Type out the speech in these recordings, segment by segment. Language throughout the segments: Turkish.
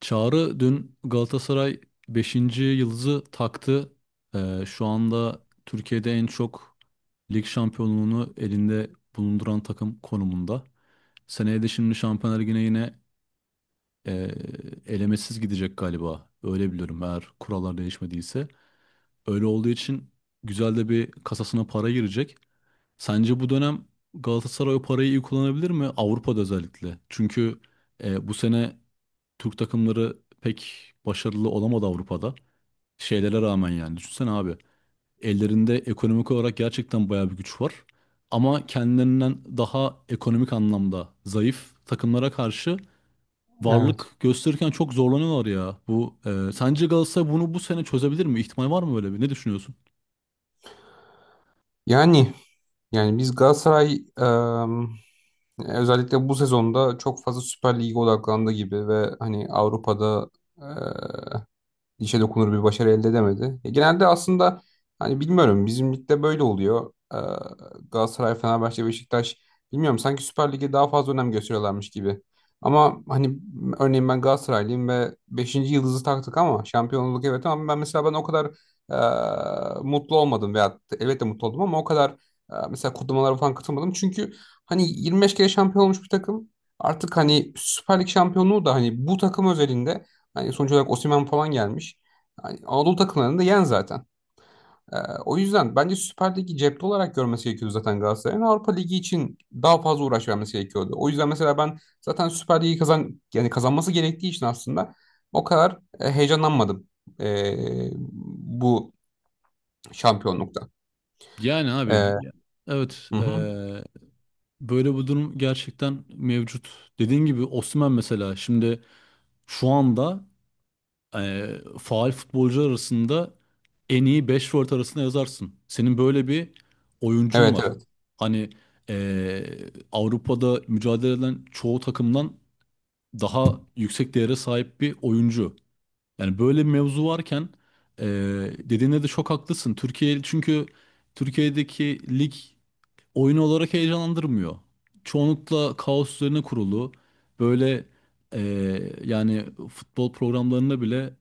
Çağrı dün Galatasaray beşinci yıldızı taktı. Şu anda Türkiye'de en çok lig şampiyonluğunu elinde bulunduran takım konumunda. Seneye de şimdi Şampiyonlar Ligi'ne yine e, elemesiz gidecek galiba. Öyle biliyorum eğer kurallar değişmediyse. Öyle olduğu için güzel de bir kasasına para girecek. Sence bu dönem Galatasaray o parayı iyi kullanabilir mi? Avrupa'da özellikle. Çünkü bu sene Türk takımları pek başarılı olamadı Avrupa'da. Şeylere rağmen yani. Düşünsene abi. Ellerinde ekonomik olarak gerçekten bayağı bir güç var. Ama kendilerinden daha ekonomik anlamda zayıf takımlara karşı varlık Evet. gösterirken çok zorlanıyorlar ya. Bu sence Galatasaray bunu bu sene çözebilir mi? İhtimal var mı böyle bir? Ne düşünüyorsun? Yani yani biz Galatasaray özellikle bu sezonda çok fazla Süper Lig'e odaklandı gibi ve hani Avrupa'da dişe dokunur bir başarı elde edemedi. Ya genelde aslında hani bilmiyorum bizim ligde böyle oluyor. Galatasaray, Fenerbahçe, Beşiktaş bilmiyorum sanki Süper Lig'e daha fazla önem gösteriyorlarmış gibi. Ama hani örneğin ben Galatasaraylıyım ve beşinci yıldızı taktık ama şampiyonluk evet, ama ben mesela ben o kadar mutlu olmadım veya elbette mutlu oldum, ama o kadar mesela kutlamalara falan katılmadım. Çünkü hani 25 kere şampiyon olmuş bir takım artık, hani Süper Lig şampiyonluğu da hani bu takım özelinde, yani sonuç olarak Osimhen falan gelmiş. Yani Anadolu takımlarını da yen zaten. Ee, o yüzden bence Süper Lig'i cepte olarak görmesi gerekiyordu zaten Galatasaray'ın. Avrupa Ligi için daha fazla uğraş vermesi gerekiyordu. O yüzden mesela ben zaten Süper Lig'i yani kazanması gerektiği için aslında o kadar heyecanlanmadım e, bu şampiyonlukta. Yani abi E, ya, evet, hı hı. Böyle bir durum gerçekten mevcut. Dediğin gibi Osimhen mesela şimdi şu anda faal futbolcular arasında en iyi 5 forvet arasında yazarsın. Senin böyle bir oyuncun Evet, var. evet. Hani e, Avrupa'da mücadele eden çoğu takımdan daha yüksek değere sahip bir oyuncu. Yani böyle bir mevzu varken e, dediğine de çok haklısın. Türkiye çünkü Türkiye'deki lig oyun olarak heyecanlandırmıyor. Çoğunlukla kaos üzerine kurulu. Böyle yani futbol programlarında bile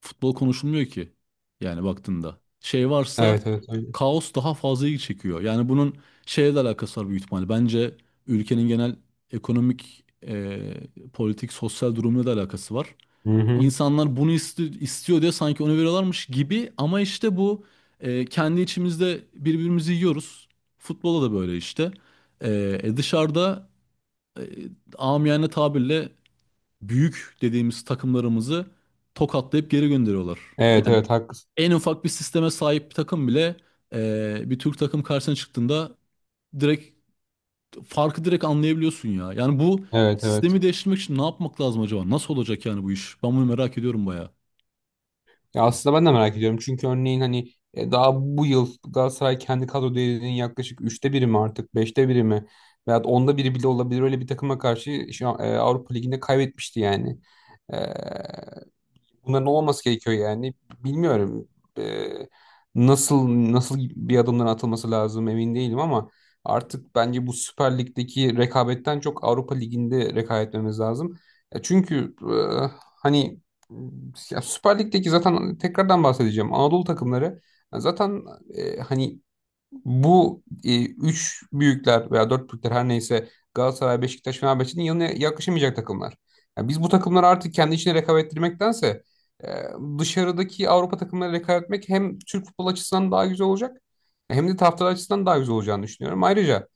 futbol konuşulmuyor ki. Yani baktığında. Şey varsa Evet, evet, öyle. kaos daha fazla ilgi çekiyor. Yani bunun şeyle de alakası var büyük ihtimalle. Bence ülkenin genel ekonomik, politik, sosyal durumuyla da alakası var. Hı hı. İnsanlar bunu istiyor diye sanki onu veriyorlarmış gibi ama işte bu kendi içimizde birbirimizi yiyoruz. Futbola da böyle işte. Dışarıda e, amiyane tabirle büyük dediğimiz takımlarımızı tokatlayıp geri gönderiyorlar. Evet, Yani evet, haklısın. en ufak bir sisteme sahip bir takım bile bir Türk takım karşısına çıktığında direkt farkı direkt anlayabiliyorsun ya. Yani bu Evet, evet. sistemi değiştirmek için ne yapmak lazım acaba? Nasıl olacak yani bu iş? Ben bunu merak ediyorum bayağı. Ya aslında ben de merak ediyorum. Çünkü örneğin hani daha bu yıl Galatasaray kendi kadro değerinin yaklaşık üçte biri mi artık, beşte biri mi, veyahut onda biri bile olabilir. Öyle bir takıma karşı şu an, Avrupa Ligi'nde kaybetmişti, yani bunların olmaması gerekiyor yani. Bilmiyorum, e, nasıl bir adımların atılması lazım emin değilim ama artık bence bu Süper Lig'deki rekabetten çok Avrupa Ligi'nde rekabet etmemiz lazım. Çünkü hani ya Süper Lig'deki zaten tekrardan bahsedeceğim. Anadolu takımları zaten hani bu üç büyükler veya dört büyükler her neyse Galatasaray, Beşiktaş, Fenerbahçe'nin yanına yaklaşamayacak takımlar. Yani biz bu takımları artık kendi içine rekabet ettirmektense e, dışarıdaki Avrupa takımları rekabet etmek hem Türk futbol açısından daha güzel olacak, hem de taraftar açısından daha güzel olacağını düşünüyorum. Ayrıca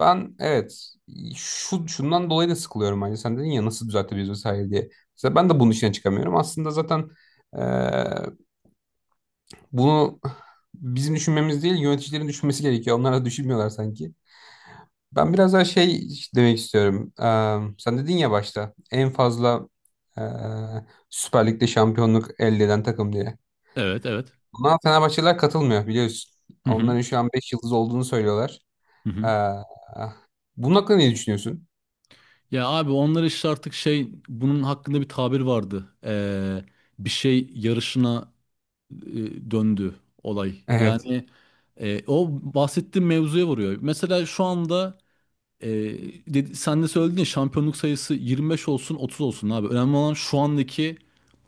ben evet, şundan dolayı da sıkılıyorum bence. Sen dedin ya nasıl düzeltebiliriz vesaire diye. Mesela ben de bunun içine çıkamıyorum. Aslında zaten e, bunu bizim düşünmemiz değil, yöneticilerin düşünmesi gerekiyor. Onlar da düşünmüyorlar sanki. Ben biraz daha şey demek istiyorum. Sen dedin ya başta en fazla eee Süper Lig'de şampiyonluk elde eden takım diye. Evet, evet. Buna Fenerbahçeliler katılmıyor biliyorsun. Hı hı, Onların şu an 5 yıldız olduğunu söylüyorlar. hı hı. Eee, bunun hakkında ne düşünüyorsun? Ya abi onlar işte artık şey bunun hakkında bir tabir vardı. Bir şey yarışına döndü olay. Evet. Yani o bahsettiğim mevzuya vuruyor. Mesela şu anda e, sen de söyledin ya şampiyonluk sayısı 25 olsun 30 olsun abi. Önemli olan şu andaki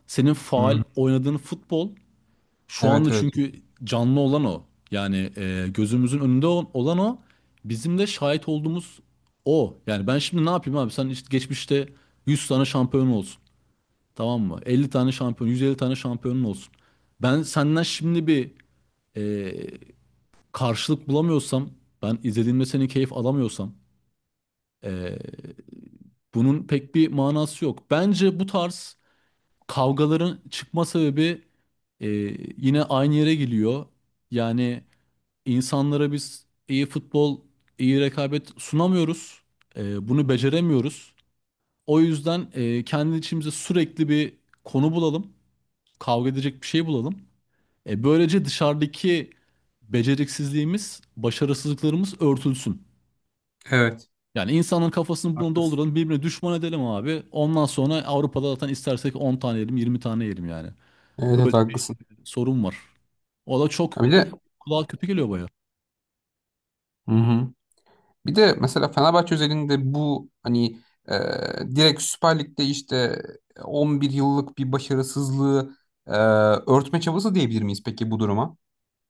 senin faal Hı. oynadığın futbol. Şu anda Evet, evet. çünkü canlı olan o. Yani gözümüzün önünde olan o. Bizim de şahit olduğumuz o. Yani ben şimdi ne yapayım abi? Sen işte geçmişte 100 tane şampiyon olsun. Tamam mı? 50 tane şampiyon, 150 tane şampiyonun olsun. Ben senden şimdi bir e, karşılık bulamıyorsam, ben izlediğimde seni keyif alamıyorsam, e, bunun pek bir manası yok. Bence bu tarz kavgaların çıkma sebebi e, yine aynı yere geliyor. Yani İnsanlara biz iyi futbol, iyi rekabet sunamıyoruz. Bunu beceremiyoruz. O yüzden kendi içimize sürekli bir konu bulalım. Kavga edecek bir şey bulalım. Böylece dışarıdaki beceriksizliğimiz, başarısızlıklarımız örtülsün. Evet. Yani insanın kafasını bunu Haklısın. dolduralım, birbirine düşman edelim abi. Ondan sonra Avrupa'da zaten istersek 10 tane yerim, 20 tane yerim yani. Evet, evet, Böyle bir haklısın. sorun var. O da çok Ha, bir de kulağa kötü geliyor baya. hı hı. Bir de mesela Fenerbahçe özelinde bu hani e, direkt Süper Lig'de işte 11 yıllık bir başarısızlığı e, örtme çabası diyebilir miyiz peki bu duruma?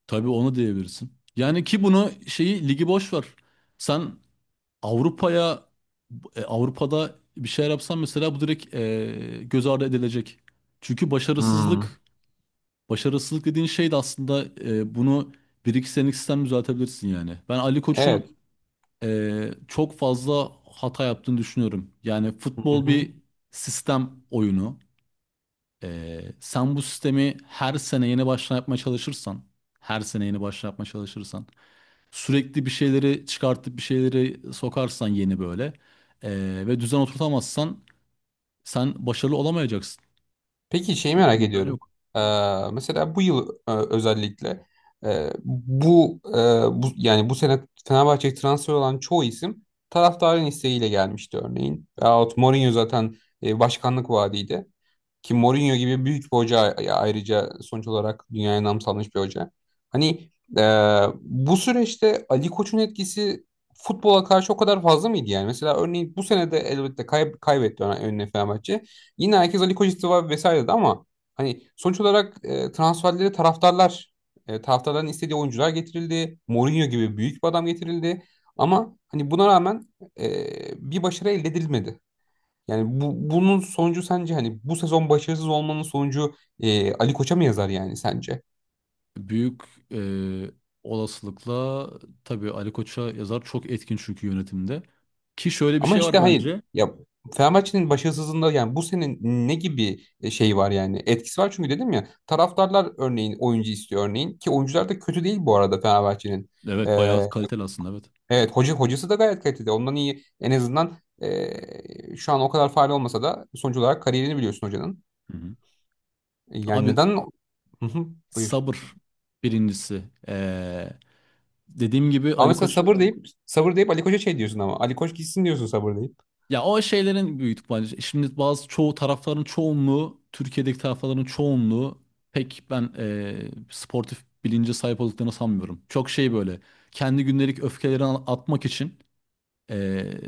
Tabii onu diyebilirsin. Yani ki bunu şeyi ligi boş ver. Sen Avrupa'ya Avrupa'da bir şey yapsan mesela bu direkt göz ardı edilecek. Çünkü Hmm. Başarısızlık dediğin şey de aslında bunu bir iki senelik sistem düzeltebilirsin yani. Ben Ali Koç'un Evet. Çok fazla hata yaptığını düşünüyorum. Yani futbol bir sistem oyunu. Sen bu sistemi her sene yeni baştan yapmaya çalışırsan her sene yeni baştan yapmaya çalışırsan sürekli bir şeyleri çıkartıp bir şeyleri sokarsan yeni böyle ve düzen oturtamazsan sen başarılı olamayacaksın. Peki şeyi merak İmkanı ediyorum. yok. Ee, mesela bu yıl özellikle e, bu, e, bu sene Fenerbahçe'ye transfer olan çoğu isim taraftarın isteğiyle gelmişti örneğin. Veyahut Mourinho zaten başkanlık vaadiydi. Ki Mourinho gibi büyük bir hoca ayrıca sonuç olarak dünyaya nam salmış bir hoca. Hani e, bu süreçte Ali Koç'un etkisi futbola karşı o kadar fazla mıydı yani? Mesela örneğin bu sene de elbette kaybetti önüne Fenerbahçe. Yine herkes Ali Koç istifa vesaire dedi, ama hani sonuç olarak transferleri taraftarların istediği oyuncular getirildi. Mourinho gibi büyük bir adam getirildi. Ama hani buna rağmen e, bir başarı elde edilmedi. Yani bunun sonucu, sence hani bu sezon başarısız olmanın sonucu Ali Koç'a mı yazar yani sence? Büyük eee, olasılıkla tabii Ali Koç'a yazar, çok etkin çünkü yönetimde. Ki şöyle bir Ama şey işte var hayır. bence. Ya Fenerbahçe'nin başarısızlığında yani bu senin ne gibi şey var, yani etkisi var, çünkü dedim ya, taraftarlar örneğin oyuncu istiyor örneğin, ki oyuncular da kötü değil bu arada Fenerbahçe'nin. Ee, Evet bayağı kaliteli aslında, evet. evet, hocası da gayet kaliteli. Ondan iyi en azından şu an o kadar faal olmasa da sonuç olarak kariyerini biliyorsun hocanın. Hı hı. Yani Abi, neden? Hı hı, buyur. sabır birincisi. Dediğim gibi Ama Ali mesela Koç... sabır deyip sabır deyip Ali Koç'a şey diyorsun, ama Ali Koç gitsin diyorsun sabır deyip. Ya o şeylerin büyük bence. Şimdi bazı çoğu tarafların çoğunluğu, Türkiye'deki tarafların çoğunluğu pek ben sportif bilince sahip olduklarını sanmıyorum. Çok şey böyle kendi gündelik öfkelerini atmak için eee,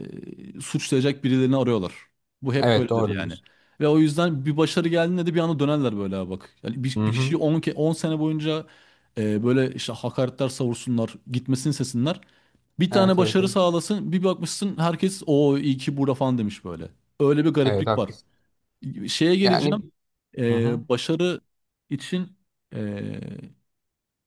suçlayacak birilerini arıyorlar. Bu hep Evet, doğru böyledir yani. diyorsun. Ve o yüzden bir başarı geldiğinde de bir anda dönerler böyle. "Aa bak." Yani Hı bir hı. kişiyi 10 sene boyunca böyle işte hakaretler savursunlar, gitmesini sesinler. Bir tane Evet, evet, başarı öyle. sağlasın, bir bakmışsın herkes o iyi ki burada falan demiş böyle. Öyle bir Evet, gariplik var. haklısın. Şeye Yani geleceğim. hı hı. Başarı için ee,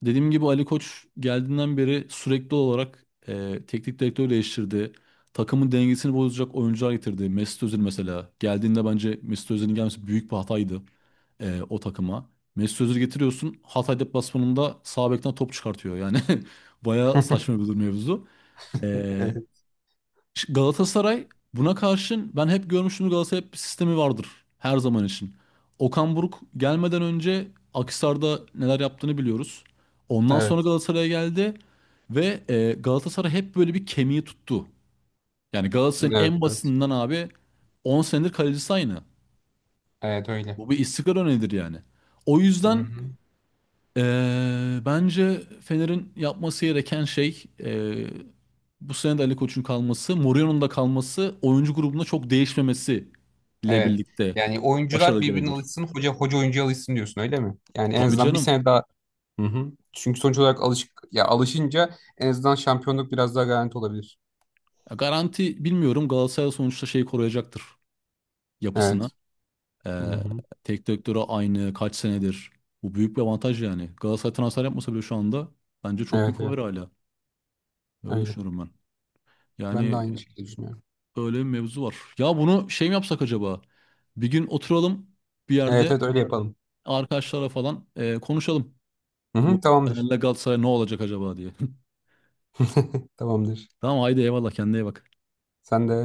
dediğim gibi Ali Koç geldiğinden beri sürekli olarak teknik direktör değiştirdi. Takımın dengesini bozacak oyuncular getirdi. Mesut Özil mesela. Geldiğinde bence Mesut Özil'in gelmesi büyük bir hataydı o takıma. Mesut Özil getiriyorsun. Hatay deplasmanında sağ bekten top çıkartıyor. Yani bayağı saçma bir durum mevzu. E, Evet, Galatasaray buna karşın ben hep görmüştüm, Galatasaray hep bir sistemi vardır her zaman için. Okan Buruk gelmeden önce Akhisar'da neler yaptığını biliyoruz. Ondan sonra evet, Galatasaray'a geldi ve Galatasaray hep böyle bir kemiği tuttu. Yani Galatasaray'ın evet, en evet. basitinden abi 10 senedir kalecisi aynı. Evet, öyle. Bu bir istikrar örneğidir yani. O Hı yüzden hı. Bence Fener'in yapması gereken şey bu sene de Ali Koç'un kalması, Mourinho'nun da kalması, oyuncu grubunda çok değişmemesi ile Evet. birlikte Yani oyuncular başarılı birbirine gelebilir. alışsın, hoca oyuncuya alışsın diyorsun öyle mi? Yani en Tabii azından bir canım. sene daha. Hı hı. Çünkü sonuç olarak alışık ya, alışınca en azından şampiyonluk biraz daha garanti olabilir. Ya garanti bilmiyorum, Galatasaray sonuçta şeyi koruyacaktır, yapısını. Evet. Hı Ee, hı. Tek direktörü aynı kaç senedir. Bu büyük bir avantaj yani. Galatasaray transfer yapmasa bile şu anda bence çok Evet, büyük evet. favori hala. Öyle Öyle. düşünüyorum ben. Ben de Yani aynı şekilde düşünüyorum. öyle bir mevzu var. Ya bunu şey mi yapsak acaba? Bir gün oturalım bir Evet, yerde evet, öyle yapalım. arkadaşlara falan konuşalım. Hı Bu hı, tamamdır. Fener'le Galatasaray ne olacak acaba diye. Tamamdır. Tamam haydi eyvallah, kendine iyi bak. Sen de